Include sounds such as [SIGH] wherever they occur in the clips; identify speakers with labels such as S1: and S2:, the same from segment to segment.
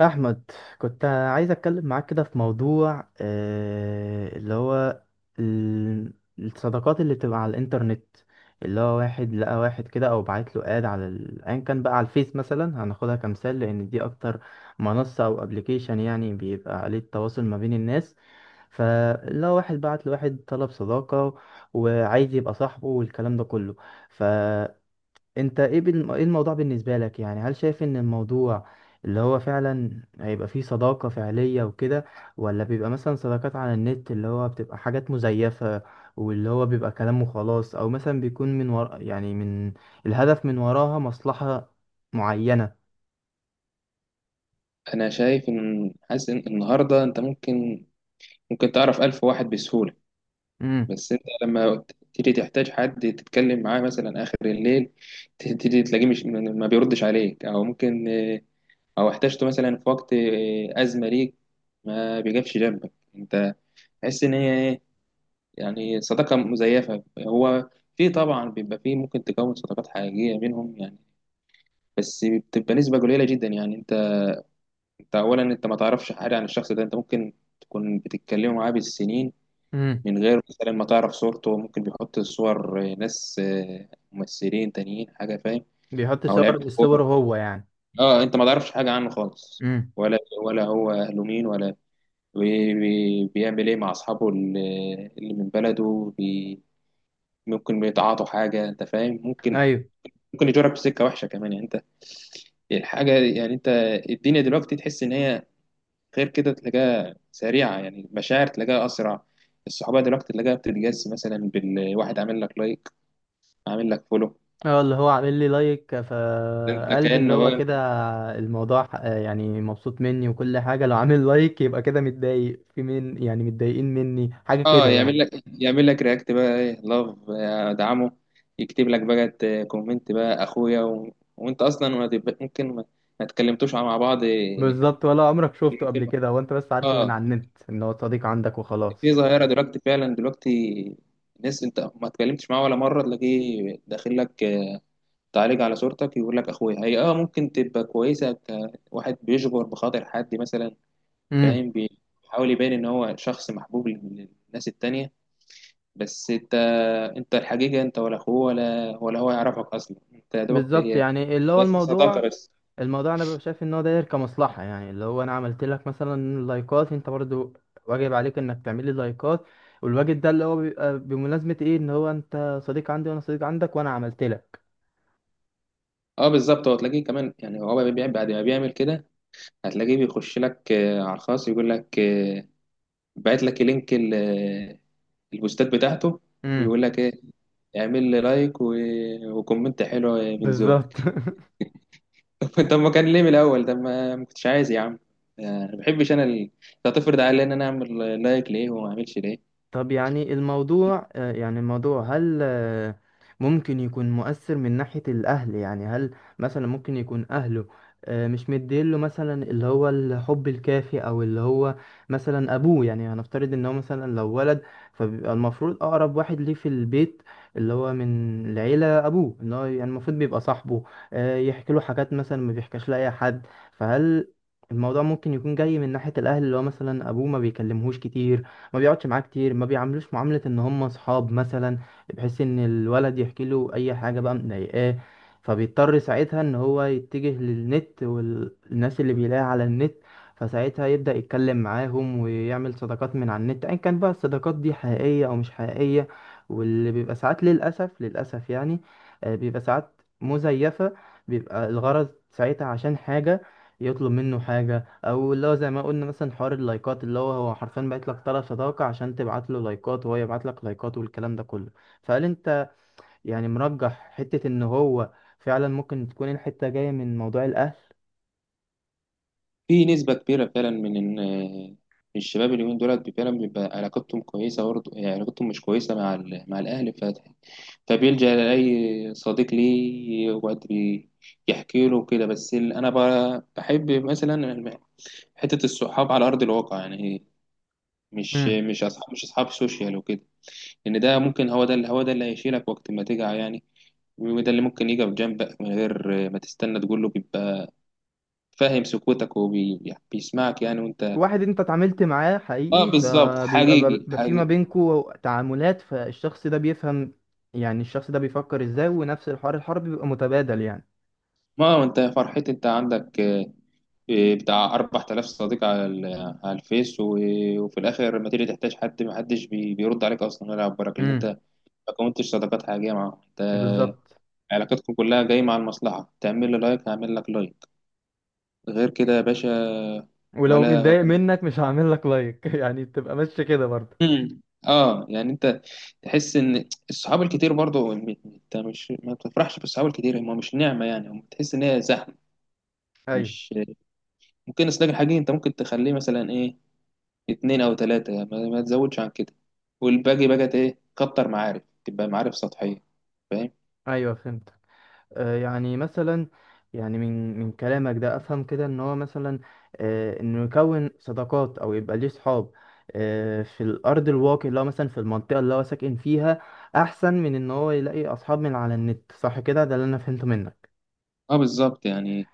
S1: احمد، كنت عايز اتكلم معاك كده في موضوع اللي هو ال- الصداقات اللي بتبقى على الانترنت، اللي هو واحد لقى واحد كده او بعت له اد على ايا كان بقى على الفيس مثلا. هناخدها كمثال لان دي اكتر منصة او ابلكيشن يعني بيبقى عليه التواصل ما بين الناس. فاللي هو واحد بعت لواحد طلب صداقة وعايز يبقى صاحبه والكلام ده كله. انت ايه ايه الموضوع بالنسبة لك؟ يعني هل شايف ان الموضوع اللي هو فعلا هيبقى فيه صداقة فعلية وكده، ولا بيبقى مثلا صداقات على النت اللي هو بتبقى حاجات مزيفة، واللي هو بيبقى كلام وخلاص، او مثلا بيكون من ورا، يعني من الهدف من وراها مصلحة معينة؟
S2: انا شايف ان حاسس ان النهارده انت ممكن تعرف الف واحد بسهوله.
S1: امم.
S2: بس انت لما تيجي تحتاج حد تتكلم معاه مثلا اخر الليل، تيجي تلاقيه مش ما بيردش عليك، او ممكن او احتاجته مثلا في وقت ازمه ليك ما بيجيبش جنبك. انت تحس ان هي ايه، يعني صداقه مزيفه هو. في طبعا بيبقى في ممكن تكون صداقات حقيقيه بينهم يعني، بس بتبقى نسبه قليله جدا يعني. انت اولا انت ما تعرفش حاجه عن الشخص ده، انت ممكن تكون بتتكلم معاه بالسنين،
S1: امم.
S2: من غير مثلا ما تعرف صورته. ممكن بيحط صور ناس، ممثلين تانيين حاجه، فاهم؟
S1: بيحط
S2: او لعيبه
S1: صور، بالصور
S2: كوره.
S1: هو يعني؟
S2: اه، انت ما تعرفش حاجه عنه خالص،
S1: امم.
S2: ولا ولا هو اهله مين، ولا بيعمل ايه مع اصحابه اللي من بلده، بي ممكن بيتعاطوا حاجه، انت فاهم، ممكن
S1: ايوه.
S2: ممكن يجرك في سكه وحشه كمان يعني. انت الحاجه يعني، انت الدنيا دلوقتي تحس ان هي غير كده، تلاقيها سريعة، يعني المشاعر تلاقيها أسرع. الصحوبية دلوقتي تلاقيها بتتجس، مثلا بالواحد عامل لك لايك، عامل لك فولو،
S1: اه، اللي هو عامل لي لايك
S2: ده انت
S1: فقلبي اللي
S2: كأنه
S1: هو
S2: بقى.
S1: كده الموضوع يعني مبسوط مني وكل حاجة، لو عامل لايك يبقى كده متضايق في، من يعني متضايقين مني حاجة
S2: اه،
S1: كده
S2: يعمل
S1: يعني.
S2: لك يعمل لك رياكت بقى، ايه، لاف، ادعمه. يكتب لك بقى كومنت بقى اخويا، وانت اصلا ما تب- ممكن ما تكلمتوش مع بعض
S1: بالظبط، ولا عمرك شفته
S2: كلمتين.
S1: قبل كده؟ هو انت بس عارفه من
S2: اه،
S1: على النت ان هو صديق عندك
S2: في
S1: وخلاص.
S2: ظاهرة دلوقتي فعلا دلوقتي، ناس انت ما اتكلمتش معاه ولا مرة تلاقيه داخل لك تعالج على صورتك، يقول لك اخويا هي اه ممكن تبقى كويسه، كواحد بيجبر بخاطر حد مثلا،
S1: امم.
S2: فاهم، بيحاول يبين ان هو شخص محبوب للناس التانية. بس انت الحقيقه انت ولا اخوه، ولا هو يعرفك اصلا، انت يا دوبك
S1: بالظبط.
S2: هي
S1: يعني اللي هو
S2: بس صداقه
S1: الموضوع،
S2: بس.
S1: الموضوع انا ببقى شايف ان هو داير كمصلحه، يعني اللي هو انا عملت لك مثلا لايكات، انت برضو واجب عليك انك تعمل لي لايكات. والواجب ده اللي هو بيبقى بمناسبه ايه؟ ان هو انت صديق عندي وانا صديق عندك وانا عملت لك.
S2: اه بالظبط، هو تلاقيه كمان يعني هو بيعمل، بعد ما بيعمل كده هتلاقيه بيخش لك على الخاص، يقول لك، باعت لك لينك البوستات بتاعته،
S1: امم.
S2: ويقول لك ايه، اعمل لي لايك وكومنت حلو من زوج.
S1: بالظبط [LAUGHS]
S2: [LAUGHS] طب ما كان ليه من الاول، ده ما كنتش عايز يا عم. ما بحبش انا لو تفرض عليا ان انا اعمل لايك ليه وما اعملش ليه.
S1: طب يعني الموضوع، يعني الموضوع، هل ممكن يكون مؤثر من ناحية الأهل؟ يعني هل مثلا ممكن يكون أهله مش مديله مثلا اللي هو الحب الكافي، أو اللي هو مثلا أبوه يعني؟ هنفترض إن هو مثلا لو ولد، فبيبقى المفروض أقرب واحد ليه في البيت اللي هو من العيلة أبوه، إن هو يعني المفروض بيبقى صاحبه، يحكي له حاجات مثلا ما بيحكاش لأي حد. فهل الموضوع ممكن يكون جاي من ناحية الأهل؟ اللي هو مثلا أبوه ما بيكلمهوش كتير، ما بيقعدش معاه كتير، ما بيعاملوش معاملة ان هم اصحاب مثلا، بحيث ان الولد يحكي له اي حاجة بقى مضايقاه. فبيضطر ساعتها ان هو يتجه للنت والناس اللي بيلاقيها على النت، فساعتها يبدأ يتكلم معاهم ويعمل صداقات من على النت، ايا كان بقى الصداقات دي حقيقية او مش حقيقية. واللي بيبقى ساعات للأسف للأسف يعني، بيبقى ساعات مزيفة، بيبقى الغرض ساعتها عشان حاجة، يطلب منه حاجة، او اللي هو زي ما قلنا مثلا حوار اللايكات، اللي هو هو حرفيا بقيت لك طرف صداقة عشان تبعت له لايكات وهو يبعت لك لايكات والكلام ده كله. فهل انت يعني مرجح حتة ان هو فعلا ممكن تكون الحتة جاية من موضوع الاهل؟
S2: في نسبه كبيره فعلا من، من الشباب اليومين دولت فعلا بيبقى علاقتهم كويسه برضه، يعني علاقتهم مش كويسه مع مع الاهل، فبيلجأ لأي صديق ليه وقت يحكي له كده. بس، أنا بحب مثلا حتة الصحاب على أرض الواقع يعني، مش
S1: امم.
S2: مش اصحاب، مش اصحاب سوشيال وكده. لان ده ممكن هو ده اللي هو ده اللي هيشيلك وقت ما تجع يعني، وده اللي ممكن يجي في جنبك من غير ما تستنى تقول له، بيبقى فاهم سكوتك وبيسمعك يعني، وانت.
S1: واحد انت اتعاملت معاه
S2: اه
S1: حقيقي
S2: بالظبط،
S1: فبيبقى
S2: حقيقي
S1: في ما
S2: حقيقي.
S1: بينكوا تعاملات، فالشخص ده بيفهم، يعني الشخص ده بيفكر ازاي، ونفس الحوار، الحوار بيبقى متبادل يعني.
S2: ما هو انت يا فرحتي، انت عندك بتاع 4000 صديق على على الفيس، وفي الاخر لما تيجي تحتاج حد، ما حدش بيرد عليك اصلا ولا يعبرك، لان انت
S1: امم.
S2: ما كونتش صداقات حقيقيه معاهم. انت
S1: بالظبط،
S2: علاقتكم كلها جايه مع المصلحه، تعمل لي لايك هعمل لك لايك، غير كده يا باشا.
S1: ولو
S2: ولا،
S1: متضايق
S2: ولا.
S1: منك مش هعمل لك لايك [LAUGHS] يعني بتبقى ماشية كده برضه.
S2: مم. اه، يعني انت تحس ان الصحاب الكتير برضو انت مش ما بتفرحش بالصحاب الكتير، هم مش نعمه يعني، هم تحس ان هي زحمه،
S1: ايوه.
S2: مش ممكن اصدق الحقيقي. انت ممكن تخليه مثلا ايه، اتنين او تلاته، ما تزودش عن كده. والباقي بقى ايه، كتر معارف، تبقى معارف سطحيه. فاهم؟
S1: ايوه فهمت. يعني مثلا، يعني من كلامك ده افهم كده ان هو مثلا، انه يكون صداقات او يبقى ليه صحاب في الارض الواقع اللي هو مثلا في المنطقه اللي هو ساكن فيها، احسن من ان هو يلاقي اصحاب من على النت. صح كده؟ ده اللي انا فهمته منك.
S2: اه بالظبط يعني،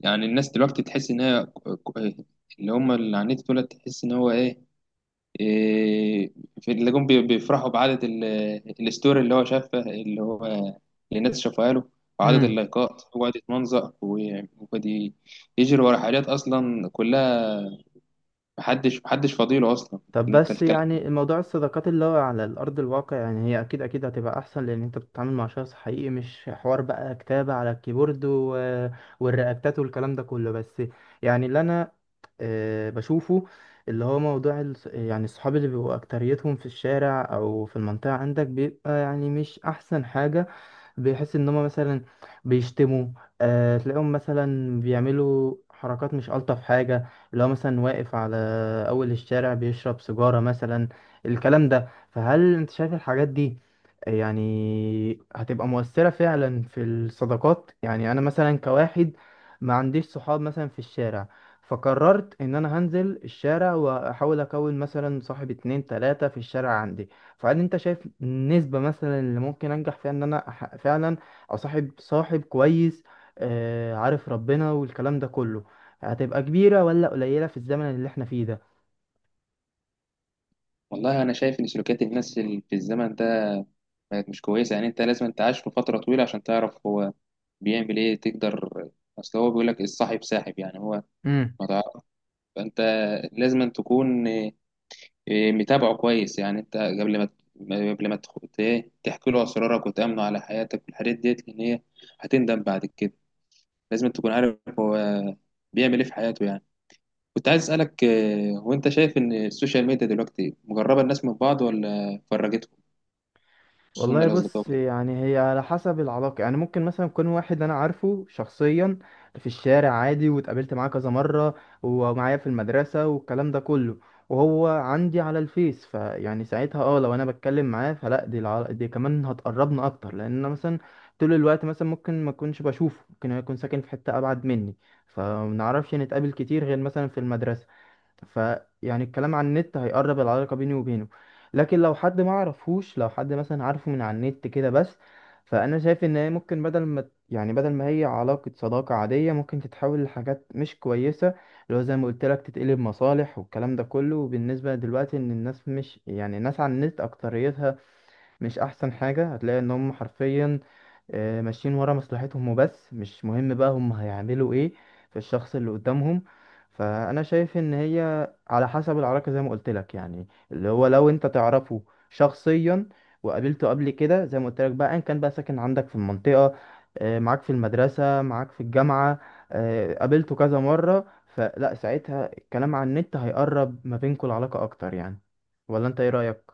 S2: الناس دلوقتي تحس ان هي اللي هم اللي على النت دول، تحس ان هو ايه، إيه، في اللي جم بيفرحوا بعدد الستوري اللي هو شافها، اللي الناس شافها له، وعدد
S1: امم.
S2: اللايكات، وقعد يتمنظر، وقعد يجري ورا حاجات اصلا كلها، محدش فاضيله اصلا.
S1: طب
S2: انت
S1: بس
S2: الكلام.
S1: يعني الموضوع الصداقات اللي هو على الأرض الواقع، يعني هي أكيد أكيد هتبقى أحسن، لأن أنت بتتعامل مع شخص حقيقي، مش حوار بقى كتابة على الكيبورد والرياكتات والكلام ده كله. بس يعني اللي أنا بشوفه اللي هو موضوع يعني الصحاب اللي بيبقوا أكتريتهم في الشارع أو في المنطقة عندك، بيبقى يعني مش أحسن حاجة. بيحس ان هم مثلا بيشتموا، آه تلاقيهم مثلا بيعملوا حركات مش ألطف حاجة، اللي هو مثلا واقف على أول الشارع بيشرب سيجارة مثلا، الكلام ده. فهل انت شايف الحاجات دي يعني هتبقى مؤثرة فعلا في الصداقات؟ يعني أنا مثلا كواحد ما عنديش صحاب مثلا في الشارع، فقررت إن أنا هنزل الشارع وأحاول أكون مثلا صاحب اتنين تلاتة في الشارع عندي. فهل انت شايف النسبة مثلا اللي ممكن انجح فيها ان انا فعلا اصاحب صاحب كويس، عارف ربنا والكلام ده كله، هتبقى كبيرة ولا قليلة في الزمن اللي احنا فيه؟
S2: والله انا شايف ان سلوكيات الناس في الزمن ده بقت مش كويسه يعني. انت لازم، انت عايش في فتره طويله عشان تعرف هو بيعمل ايه تقدر. اصل هو بيقول لك الصاحب ساحب، يعني هو
S1: ده
S2: ما تعرف. فانت لازم أن تكون، متابعه كويس يعني. انت قبل ما، قبل ما تخ- ت- إيه، تحكي له اسرارك وتامنه على حياتك والحاجات ديت، لان هي هتندم بعد كده. لازم تكون عارف هو بيعمل ايه في حياته يعني. كنت عايز اسالك، هو انت شايف ان السوشيال ميديا دلوقتي مقربه الناس من بعض ولا فرجتهم، خصوصا
S1: والله
S2: الاصدقاء
S1: بص،
S2: وكده؟
S1: يعني هي على حسب العلاقة. يعني ممكن مثلا يكون واحد أنا عارفه شخصيا في الشارع عادي واتقابلت معاه كذا مرة، ومعايا في المدرسة والكلام ده كله، وهو عندي على الفيس، فيعني ساعتها اه لو أنا بتكلم معاه فلا، دي دي كمان هتقربنا أكتر، لأن أنا مثلا طول الوقت مثلا ممكن ما أكونش بشوفه، ممكن هو يكون ساكن في حتة أبعد مني، فمنعرفش نتقابل كتير غير مثلا في المدرسة، فيعني الكلام عن النت هيقرب العلاقة بيني وبينه. لكن لو حد ما عرفوش، لو حد مثلا عارفه من على النت كده بس، فأنا شايف إن هي ممكن بدل ما هي علاقة صداقة عادية ممكن تتحول لحاجات مش كويسة، اللي هو زي ما قلت لك تتقلب مصالح والكلام ده كله. وبالنسبة دلوقتي إن الناس مش، يعني الناس على النت أكتريتها مش أحسن حاجة، هتلاقي إن هم حرفيا ماشيين ورا مصلحتهم وبس، مش مهم بقى هم هيعملوا ايه في الشخص اللي قدامهم. فانا شايف ان هي على حسب العلاقة زي ما قلت لك، يعني اللي هو لو انت تعرفه شخصيا وقابلته قبل كده، زي ما قلت لك بقى، ان كان بقى ساكن عندك في المنطقة، معاك في المدرسة، معاك في الجامعة، قابلته كذا مرة، فلا ساعتها الكلام عن النت هيقرب ما بينكم العلاقة اكتر يعني. ولا انت ايه رأيك؟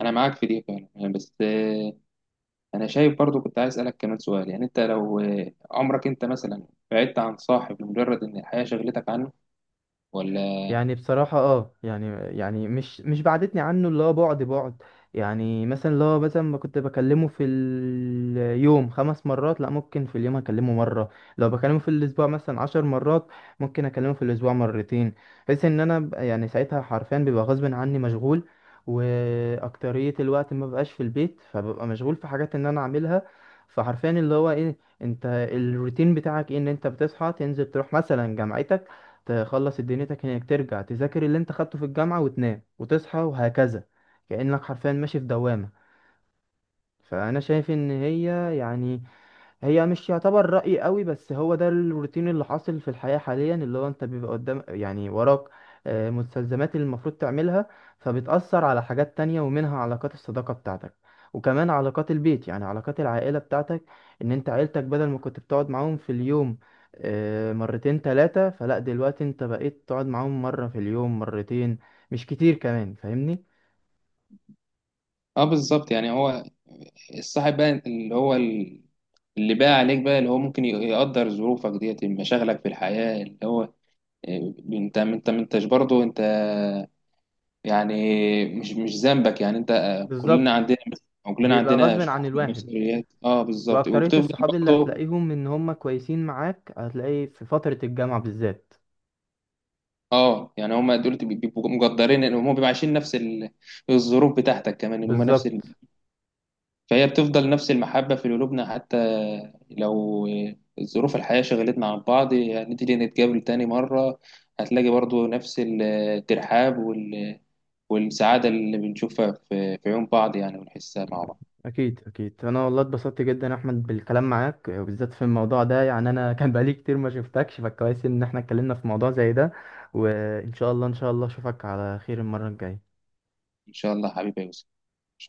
S2: انا معاك في دي فعلا يعني، بس، انا شايف برضو. كنت عايز اسالك كمان سؤال يعني، انت لو عمرك انت مثلا بعدت عن صاحب لمجرد ان الحياه شغلتك عنه ولا؟
S1: يعني بصراحة اه يعني، يعني مش بعدتني عنه، اللي هو بعد بعد، يعني مثلا اللي هو مثلا ما كنت بكلمه في اليوم 5 مرات، لا ممكن في اليوم اكلمه مرة. لو بكلمه في الاسبوع مثلا 10 مرات ممكن اكلمه في الاسبوع مرتين، بحيث ان انا يعني ساعتها حرفيا بيبقى غصب عني مشغول، واكترية الوقت ما بقاش في البيت، فببقى مشغول في حاجات ان انا اعملها. فحرفيا اللي هو ايه؟ انت الروتين بتاعك ايه؟ ان انت بتصحى تنزل تروح مثلا جامعتك، تخلص دنيتك هناك، ترجع تذاكر اللي انت خدته في الجامعة، وتنام وتصحى وهكذا، كأنك حرفيا ماشي في دوامة. فأنا شايف إن هي، يعني هي مش يعتبر رأي قوي، بس هو ده الروتين اللي حاصل في الحياة حاليا، اللي هو انت بيبقى قدام، يعني وراك مستلزمات اللي المفروض تعملها، فبتأثر على حاجات تانية ومنها علاقات الصداقة بتاعتك، وكمان علاقات البيت، يعني علاقات العائلة بتاعتك، ان انت عيلتك بدل ما كنت بتقعد معاهم في اليوم مرتين تلاتة، فلا دلوقتي انت بقيت تقعد معاهم مرة في اليوم، مرتين، مش كتير كمان. فاهمني؟
S2: اه بالظبط يعني، هو الصاحب بقى اللي بقى عليك بقى اللي هو ممكن يقدر ظروفك ديت مشاغلك في الحياة، اللي هو انت ما انتش برضه انت. يعني مش ذنبك يعني انت. كلنا
S1: بالظبط،
S2: عندنا، او كلنا
S1: بيبقى
S2: عندنا
S1: غصب عن
S2: شعور
S1: الواحد،
S2: بالمسؤوليات. اه بالظبط،
S1: واكترية
S2: وبتفضل
S1: الصحاب اللي
S2: برضه.
S1: هتلاقيهم ان هم كويسين معاك هتلاقي في فترة الجامعة بالذات.
S2: اه يعني، هم دول بيبقوا مقدرين ان هم بيبقوا عايشين نفس الظروف بتاعتك كمان، ان هم نفس.
S1: بالظبط.
S2: فهي بتفضل نفس المحبة في قلوبنا، حتى لو ظروف الحياة شغلتنا عن بعض، هنيجي نتقابل تاني مرة، هتلاقي برضو نفس الترحاب والسعادة اللي بنشوفها في عيون بعض يعني، ونحسها مع بعض.
S1: اكيد اكيد، انا والله اتبسطت جدا يا احمد بالكلام معاك وبالذات في الموضوع ده، يعني انا [LAUGHS] كان بقالي كتير ما شفتكش، فكويس ان احنا اتكلمنا في موضوع زي ده. وان شاء الله ان شاء الله اشوفك على خير المرة الجاية.
S2: إن شاء الله حبيبي يا يوسف، إن شاء الله.